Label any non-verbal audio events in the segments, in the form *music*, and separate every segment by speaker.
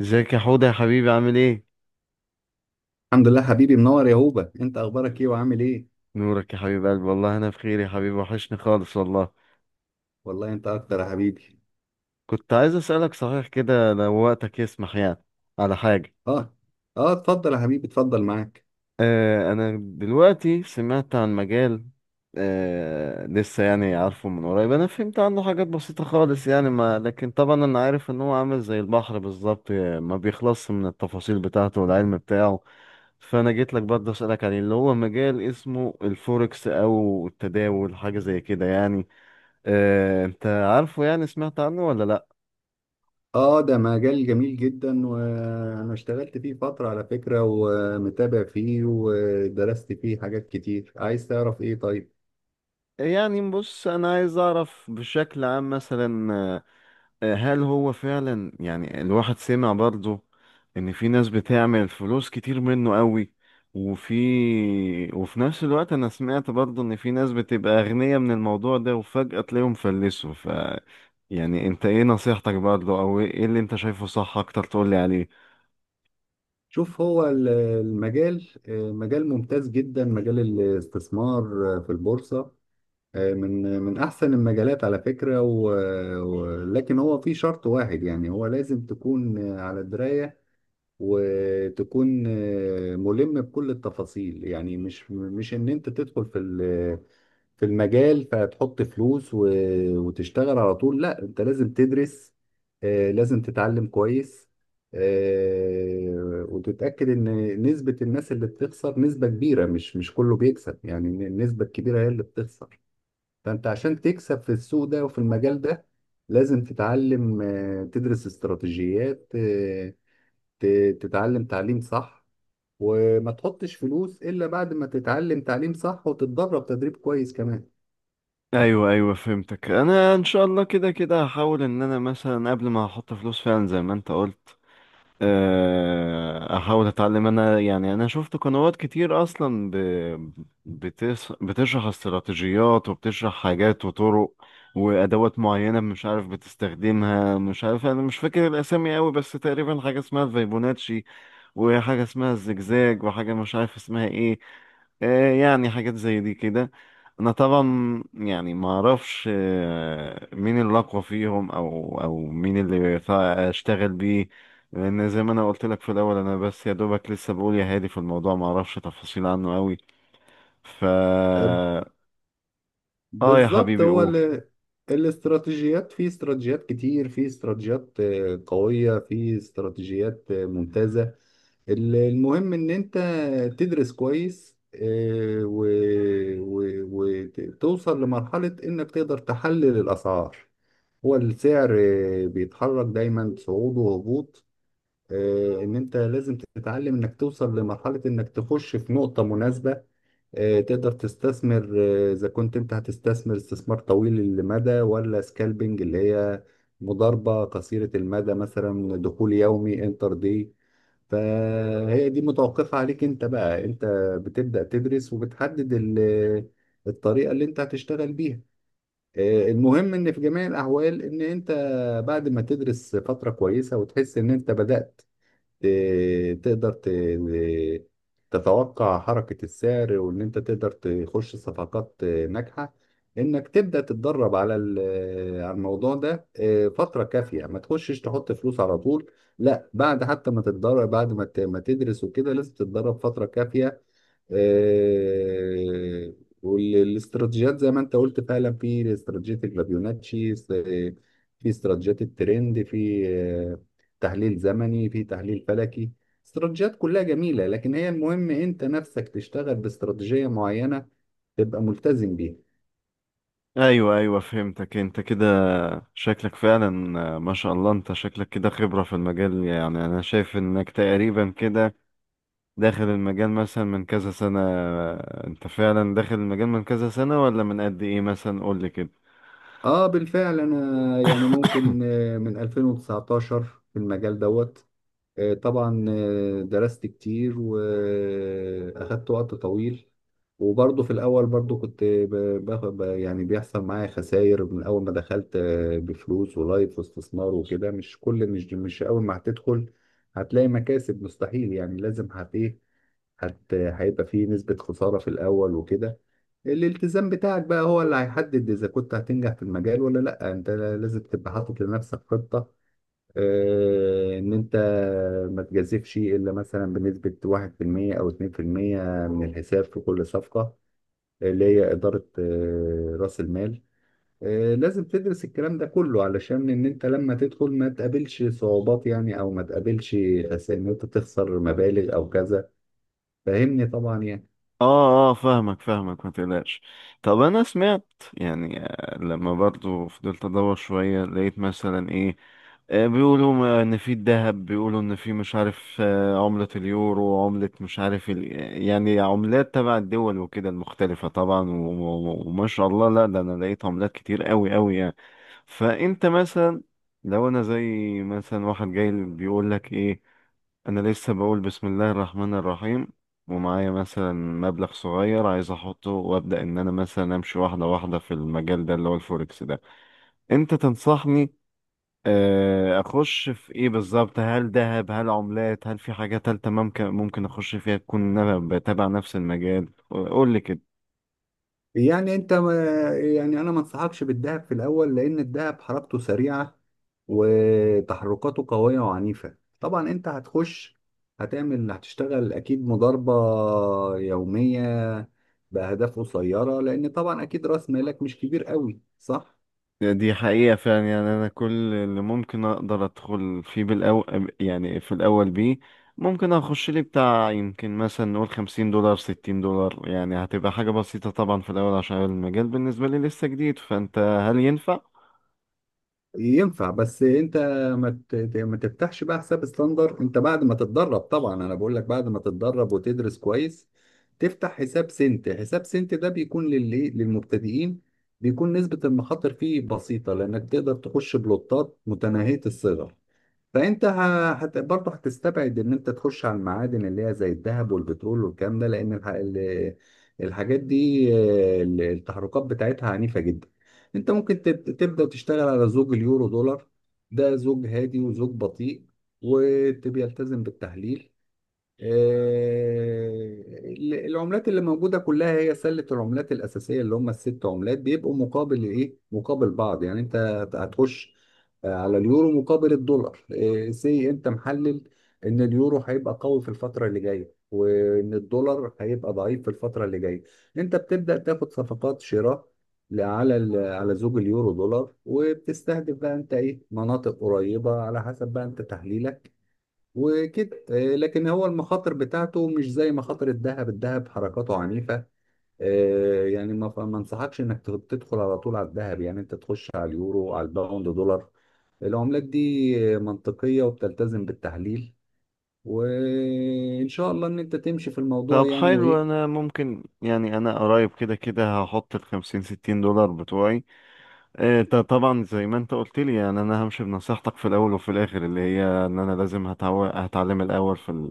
Speaker 1: ازيك يا حوده يا حبيبي، عامل ايه؟
Speaker 2: الحمد لله، حبيبي منور يا هوبا. انت اخبارك ايه وعامل ايه؟
Speaker 1: نورك يا حبيب قلبي، والله انا بخير يا حبيبي، وحشني خالص والله.
Speaker 2: والله انت اكتر يا حبيبي.
Speaker 1: كنت عايز اسالك، صحيح كده، لو وقتك يسمح يعني، على حاجه.
Speaker 2: اه، اه، اتفضل يا حبيبي، اتفضل معاك.
Speaker 1: انا دلوقتي سمعت عن مجال. لسه يعني عارفه من قريب، انا فهمت عنه حاجات بسيطه خالص، يعني ما لكن طبعا انا عارف ان هو عامل زي البحر بالظبط، ما بيخلصش من التفاصيل بتاعته والعلم بتاعه. فانا جيت لك برضه اسالك عليه، اللي هو مجال اسمه الفوركس او التداول، حاجه زي كده يعني. انت عارفه، يعني سمعت عنه ولا لا؟
Speaker 2: اه، ده مجال جميل جدا وانا اشتغلت فيه فترة على فكرة، ومتابع فيه ودرست فيه حاجات كتير. عايز تعرف ايه؟ طيب،
Speaker 1: يعني بص، انا عايز اعرف بشكل عام مثلا، هل هو فعلا، يعني الواحد سمع برضه ان في ناس بتعمل فلوس كتير منه قوي، وفي وفي نفس الوقت انا سمعت برضه ان في ناس بتبقى اغنياء من الموضوع ده وفجأة تلاقيهم فلسوا. يعني انت ايه نصيحتك برضه، او ايه اللي انت شايفه صح اكتر، تقولي عليه؟
Speaker 2: شوف، هو المجال، مجال ممتاز جدا، مجال الاستثمار في البورصة، من احسن المجالات على فكرة لكن هو في شرط واحد. يعني هو لازم تكون على دراية، وتكون ملم بكل التفاصيل. يعني مش ان انت تدخل في في المجال فتحط فلوس وتشتغل على طول. لا، انت لازم تدرس، لازم تتعلم كويس، وتتأكد ان نسبة الناس اللي بتخسر نسبة كبيرة. مش كله بيكسب، يعني النسبة الكبيرة هي اللي بتخسر. فانت عشان تكسب في السوق ده وفي المجال ده لازم تتعلم، تدرس استراتيجيات، تتعلم تعليم صح، وما تحطش فلوس إلا بعد ما تتعلم تعليم صح وتتدرب تدريب كويس كمان.
Speaker 1: ايوه، ايوه، فهمتك. انا ان شاء الله كده كده هحاول ان انا مثلا قبل ما احط فلوس فعلا زي ما انت قلت، احاول اتعلم انا، يعني انا شفت قنوات كتير اصلا بتشرح استراتيجيات، وبتشرح حاجات وطرق وادوات معينه، مش عارف بتستخدمها، مش عارف، انا مش فاكر الاسامي قوي، بس تقريبا حاجه اسمها فيبوناتشي، وحاجة اسمها الزجزاج، وحاجة مش عارف اسمها ايه. يعني حاجات زي دي كده. انا طبعا يعني ما اعرفش مين اللي اقوى فيهم او مين اللي ينفع اشتغل بيه، لان زي ما انا قلت لك في الاول، انا بس يا دوبك لسه بقول يا هادي في الموضوع، ما اعرفش تفاصيل عنه قوي ف
Speaker 2: أه،
Speaker 1: اه يا
Speaker 2: بالظبط
Speaker 1: حبيبي،
Speaker 2: هو
Speaker 1: قول.
Speaker 2: الاستراتيجيات. في استراتيجيات كتير، في استراتيجيات قوية، في استراتيجيات ممتازة. المهم ان انت تدرس كويس، وتوصل لمرحلة انك تقدر تحلل الاسعار. هو السعر بيتحرك دايما صعود وهبوط. ان انت لازم تتعلم انك توصل لمرحلة انك تخش في نقطة مناسبة، تقدر تستثمر، اذا كنت انت هتستثمر استثمار طويل المدى ولا سكالبنج، اللي هي مضاربة قصيرة المدى، مثلا دخول يومي انتر دي. فهي دي متوقفة عليك انت. بقى انت بتبدأ تدرس، وبتحدد الطريقة اللي انت هتشتغل بيها. المهم ان في جميع الاحوال ان انت بعد ما تدرس فترة كويسة وتحس ان انت بدأت تقدر تتوقع حركة السعر، وان انت تقدر تخش صفقات ناجحة، انك تبدأ تتدرب على على الموضوع ده فترة كافية. ما تخشش تحط فلوس على طول. لا، بعد حتى ما تتدرب، بعد ما ما تدرس وكده لازم تتدرب فترة كافية، آه، والاستراتيجيات زي ما انت قلت فعلا. في استراتيجية الفيبوناتشي، في استراتيجيات الترند، في تحليل زمني، في تحليل فلكي. استراتيجيات كلها جميلة، لكن هي المهم انت نفسك تشتغل باستراتيجية معينة، تبقى ملتزم بيها.
Speaker 1: ايوه، ايوه، فهمتك. انت كده شكلك فعلا، ما شاء الله، انت شكلك كده خبرة في المجال، يعني انا شايف انك تقريبا كده داخل المجال مثلا من كذا سنة. انت فعلا داخل المجال من كذا سنة ولا من قد ايه؟ مثلا قول لي كده.
Speaker 2: اه، بالفعل انا يعني ممكن من 2019 في المجال دوت. طبعا درست كتير، وأخدت وقت طويل. وبرضه في الأول برضه كنت باخد يعني بيحصل معايا خسائر من أول ما دخلت، بفلوس ولايف واستثمار وكده. مش كل، مش أول ما هتدخل هتلاقي مكاسب، مستحيل. يعني لازم هت إيه، هت هيبقى فيه نسبة خسارة في الأول وكده. الالتزام بتاعك بقى هو اللي هيحدد إذا كنت هتنجح في المجال ولا لأ. أنت لازم تبقى حاطط لنفسك خطة، ان انت ما تجازفش الا مثلا بنسبه 1% او 2% من الحساب في كل صفقه، اللي هي اداره راس المال. لازم تدرس الكلام ده كله علشان ان انت لما تدخل ما تقابلش صعوبات، يعني او ما تقابلش خسائر، ان انت تخسر مبالغ او كذا. فاهمني طبعا يعني.
Speaker 1: اه، اه، فاهمك فاهمك، ما تقلقش. طب انا سمعت، يعني لما برضو فضلت ادور شوية، لقيت مثلا ايه، بيقولوا ان في الذهب، بيقولوا ان في مش عارف عملة اليورو، عملة مش عارف. يعني عملات تبع الدول وكده، المختلفة طبعا، وما شاء الله، لا ده انا لقيت عملات كتير قوي قوي يعني. فانت مثلا، لو انا زي مثلا واحد جاي بيقول لك ايه، انا لسه بقول بسم الله الرحمن الرحيم، ومعايا مثلا مبلغ صغير عايز احطه وابدا، ان انا مثلا امشي واحده واحده في المجال ده اللي هو الفوركس ده، انت تنصحني اخش في ايه بالظبط؟ هل ذهب، هل عملات، هل في حاجه تالتة ممكن اخش فيها تكون إن انا بتابع نفس المجال؟ قول لي كده.
Speaker 2: يعني انت ما، يعني انا ما انصحكش بالدهب في الاول لان الدهب حركته سريعه، وتحركاته قويه وعنيفه. طبعا انت هتخش هتعمل هتشتغل اكيد مضاربه يوميه باهداف قصيره، لان طبعا اكيد راس مالك مش كبير قوي، صح؟
Speaker 1: يعني دي حقيقة فعلا، يعني أنا كل اللي ممكن أقدر أدخل فيه بالأول، يعني في الأول بيه ممكن أخش لي بتاع، يمكن مثلا نقول 50 دولار، 60 دولار، يعني هتبقى حاجة بسيطة طبعا في الأول، عشان المجال بالنسبة لي لسه جديد. فأنت، هل ينفع؟
Speaker 2: ينفع، بس انت ما ت- ت- ما تفتحش بقى حساب ستاندر. انت بعد ما تتدرب، طبعا انا بقول لك بعد ما تتدرب وتدرس كويس، تفتح حساب سنت. حساب سنت ده بيكون للمبتدئين، بيكون نسبة المخاطر فيه بسيطة لانك تقدر تخش بلوتات متناهية الصغر. فانت برضه هتستبعد ان انت تخش على المعادن اللي هي زي الذهب والبترول والكلام ده، لان الحاجات دي التحركات بتاعتها عنيفة جدا. انت ممكن تبدأ تشتغل على زوج اليورو دولار. ده زوج هادي وزوج بطيء، وتبقى يلتزم بالتحليل. آه، العملات اللي موجودة كلها هي سلة العملات الأساسية، اللي هم الست عملات، بيبقوا مقابل إيه؟ مقابل بعض. يعني أنت هتخش على اليورو مقابل الدولار. سي، أنت محلل إن اليورو هيبقى قوي في الفترة اللي جاية، وإن الدولار هيبقى ضعيف في الفترة اللي جاية. أنت بتبدأ تاخد صفقات شراء على على زوج اليورو دولار، وبتستهدف بقى أنت إيه؟ مناطق قريبة على حسب بقى أنت تحليلك وكده. لكن هو المخاطر بتاعته مش زي مخاطر الذهب. الذهب حركاته عنيفة، يعني ما انصحكش انك تدخل على طول على الذهب. يعني انت تخش على اليورو، على الباوند دولار. العملات دي منطقية وبتلتزم بالتحليل، وان شاء الله ان انت تمشي في الموضوع
Speaker 1: طب
Speaker 2: يعني.
Speaker 1: حلو،
Speaker 2: وايه،
Speaker 1: أنا ممكن يعني، أنا قريب كده كده هحط 50-60 دولار بتوعي. ده طبعا زي ما أنت قلت لي، يعني أنا همشي بنصيحتك في الأول وفي الآخر، اللي هي إن أنا لازم هتعلم الأول في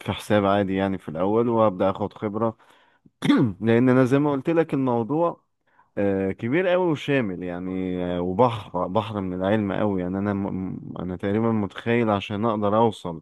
Speaker 1: في حساب عادي، يعني في الاول وابدا اخد خبره. *clears throat* لان انا زي ما قلت لك، الموضوع كبير قوي وشامل، يعني وبحر بحر من العلم قوي، يعني انا انا تقريبا متخيل عشان اقدر اوصل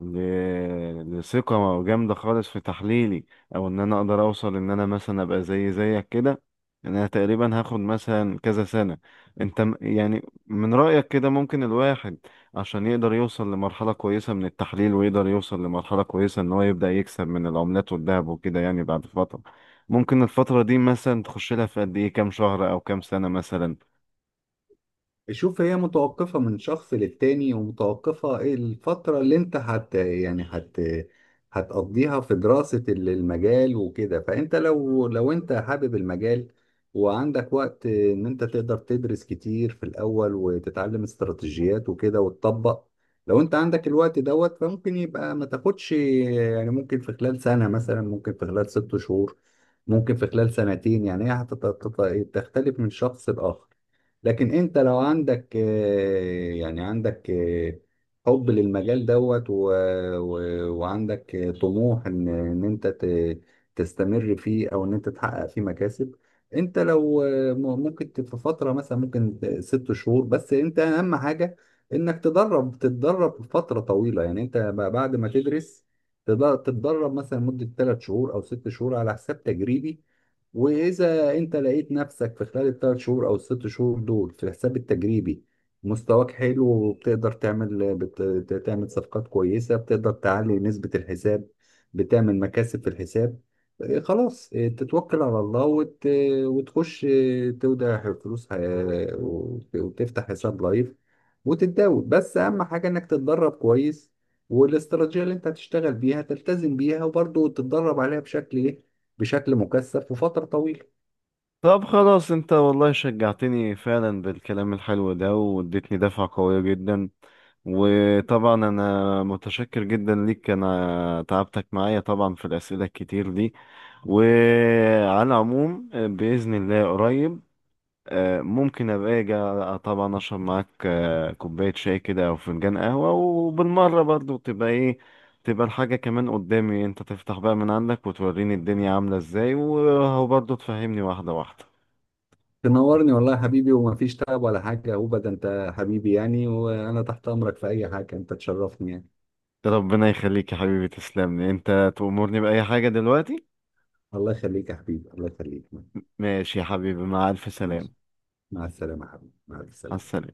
Speaker 1: لثقة جامدة خالص في تحليلي، او ان انا اقدر اوصل ان انا مثلا ابقى زيك كده، انا تقريبا هاخد مثلا كذا سنة. انت يعني من رأيك كده، ممكن الواحد عشان يقدر يوصل لمرحلة كويسة من التحليل، ويقدر يوصل لمرحلة كويسة ان هو يبدأ يكسب من العملات والذهب وكده، يعني بعد فترة، ممكن الفترة دي مثلا تخش لها في قد ايه؟ كام شهر او كام سنة مثلا؟
Speaker 2: شوف هي متوقفة من شخص للتاني، ومتوقفة الفترة اللي انت هت يعني هت هتقضيها في دراسة المجال وكده. فانت لو انت حابب المجال، وعندك وقت ان انت تقدر تدرس كتير في الاول، وتتعلم استراتيجيات وكده وتطبق، لو انت عندك الوقت دوت، فممكن يبقى ما تاخدش. يعني ممكن في خلال سنة مثلا، ممكن في خلال 6 شهور، ممكن في خلال سنتين. يعني هي تختلف من شخص لآخر. لكن انت لو عندك يعني عندك حب للمجال دوت و... وعندك طموح ان انت تستمر فيه، او ان انت تحقق فيه مكاسب. انت لو ممكن في فترة مثلا ممكن 6 شهور. بس انت اهم حاجة انك تدرب تتدرب فترة طويلة. يعني انت بعد ما تدرس تتدرب مثلا مدة 3 شهور او 6 شهور على حساب تجريبي. واذا انت لقيت نفسك في خلال ال3 شهور او ال6 شهور دول في الحساب التجريبي مستواك حلو، وبتقدر تعمل تعمل صفقات كويسة، بتقدر تعلي نسبة الحساب، بتعمل مكاسب في الحساب، خلاص، تتوكل على الله وتخش تودع فلوس وتفتح حساب لايف وتتداول. بس اهم حاجة انك تتدرب كويس، والاستراتيجية اللي انت هتشتغل بيها تلتزم بيها، وبرضه تتدرب عليها بشكل ايه؟ بشكل مكثف وفترة طويلة.
Speaker 1: طب خلاص، انت والله شجعتني فعلا بالكلام الحلو ده، واديتني دفعة قوية جدا، وطبعا انا متشكر جدا ليك، انا تعبتك معايا طبعا في الاسئلة الكتير دي، وعلى العموم بإذن الله قريب ممكن ابقى اجي طبعا اشرب معاك كوباية شاي كده او فنجان قهوة، وبالمرة برضو تبقى ايه، تبقى الحاجة كمان قدامي، انت تفتح بقى من عندك، وتوريني الدنيا عاملة ازاي، وبرضه تفهمني واحدة واحدة.
Speaker 2: تنورني والله يا حبيبي، وما فيش تعب ولا حاجة. هو ده انت حبيبي يعني، وانا تحت امرك في اي حاجة. انت تشرفني يعني.
Speaker 1: ربنا يخليك يا حبيبي، تسلم لي انت، تأمرني بأي حاجة دلوقتي.
Speaker 2: الله يخليك يا حبيبي، الله يخليك.
Speaker 1: ماشي يا حبيبي، مع ألف
Speaker 2: ماشي.
Speaker 1: سلامة.
Speaker 2: مع السلامة يا حبيبي، مع
Speaker 1: مع
Speaker 2: السلامة.
Speaker 1: السلامة.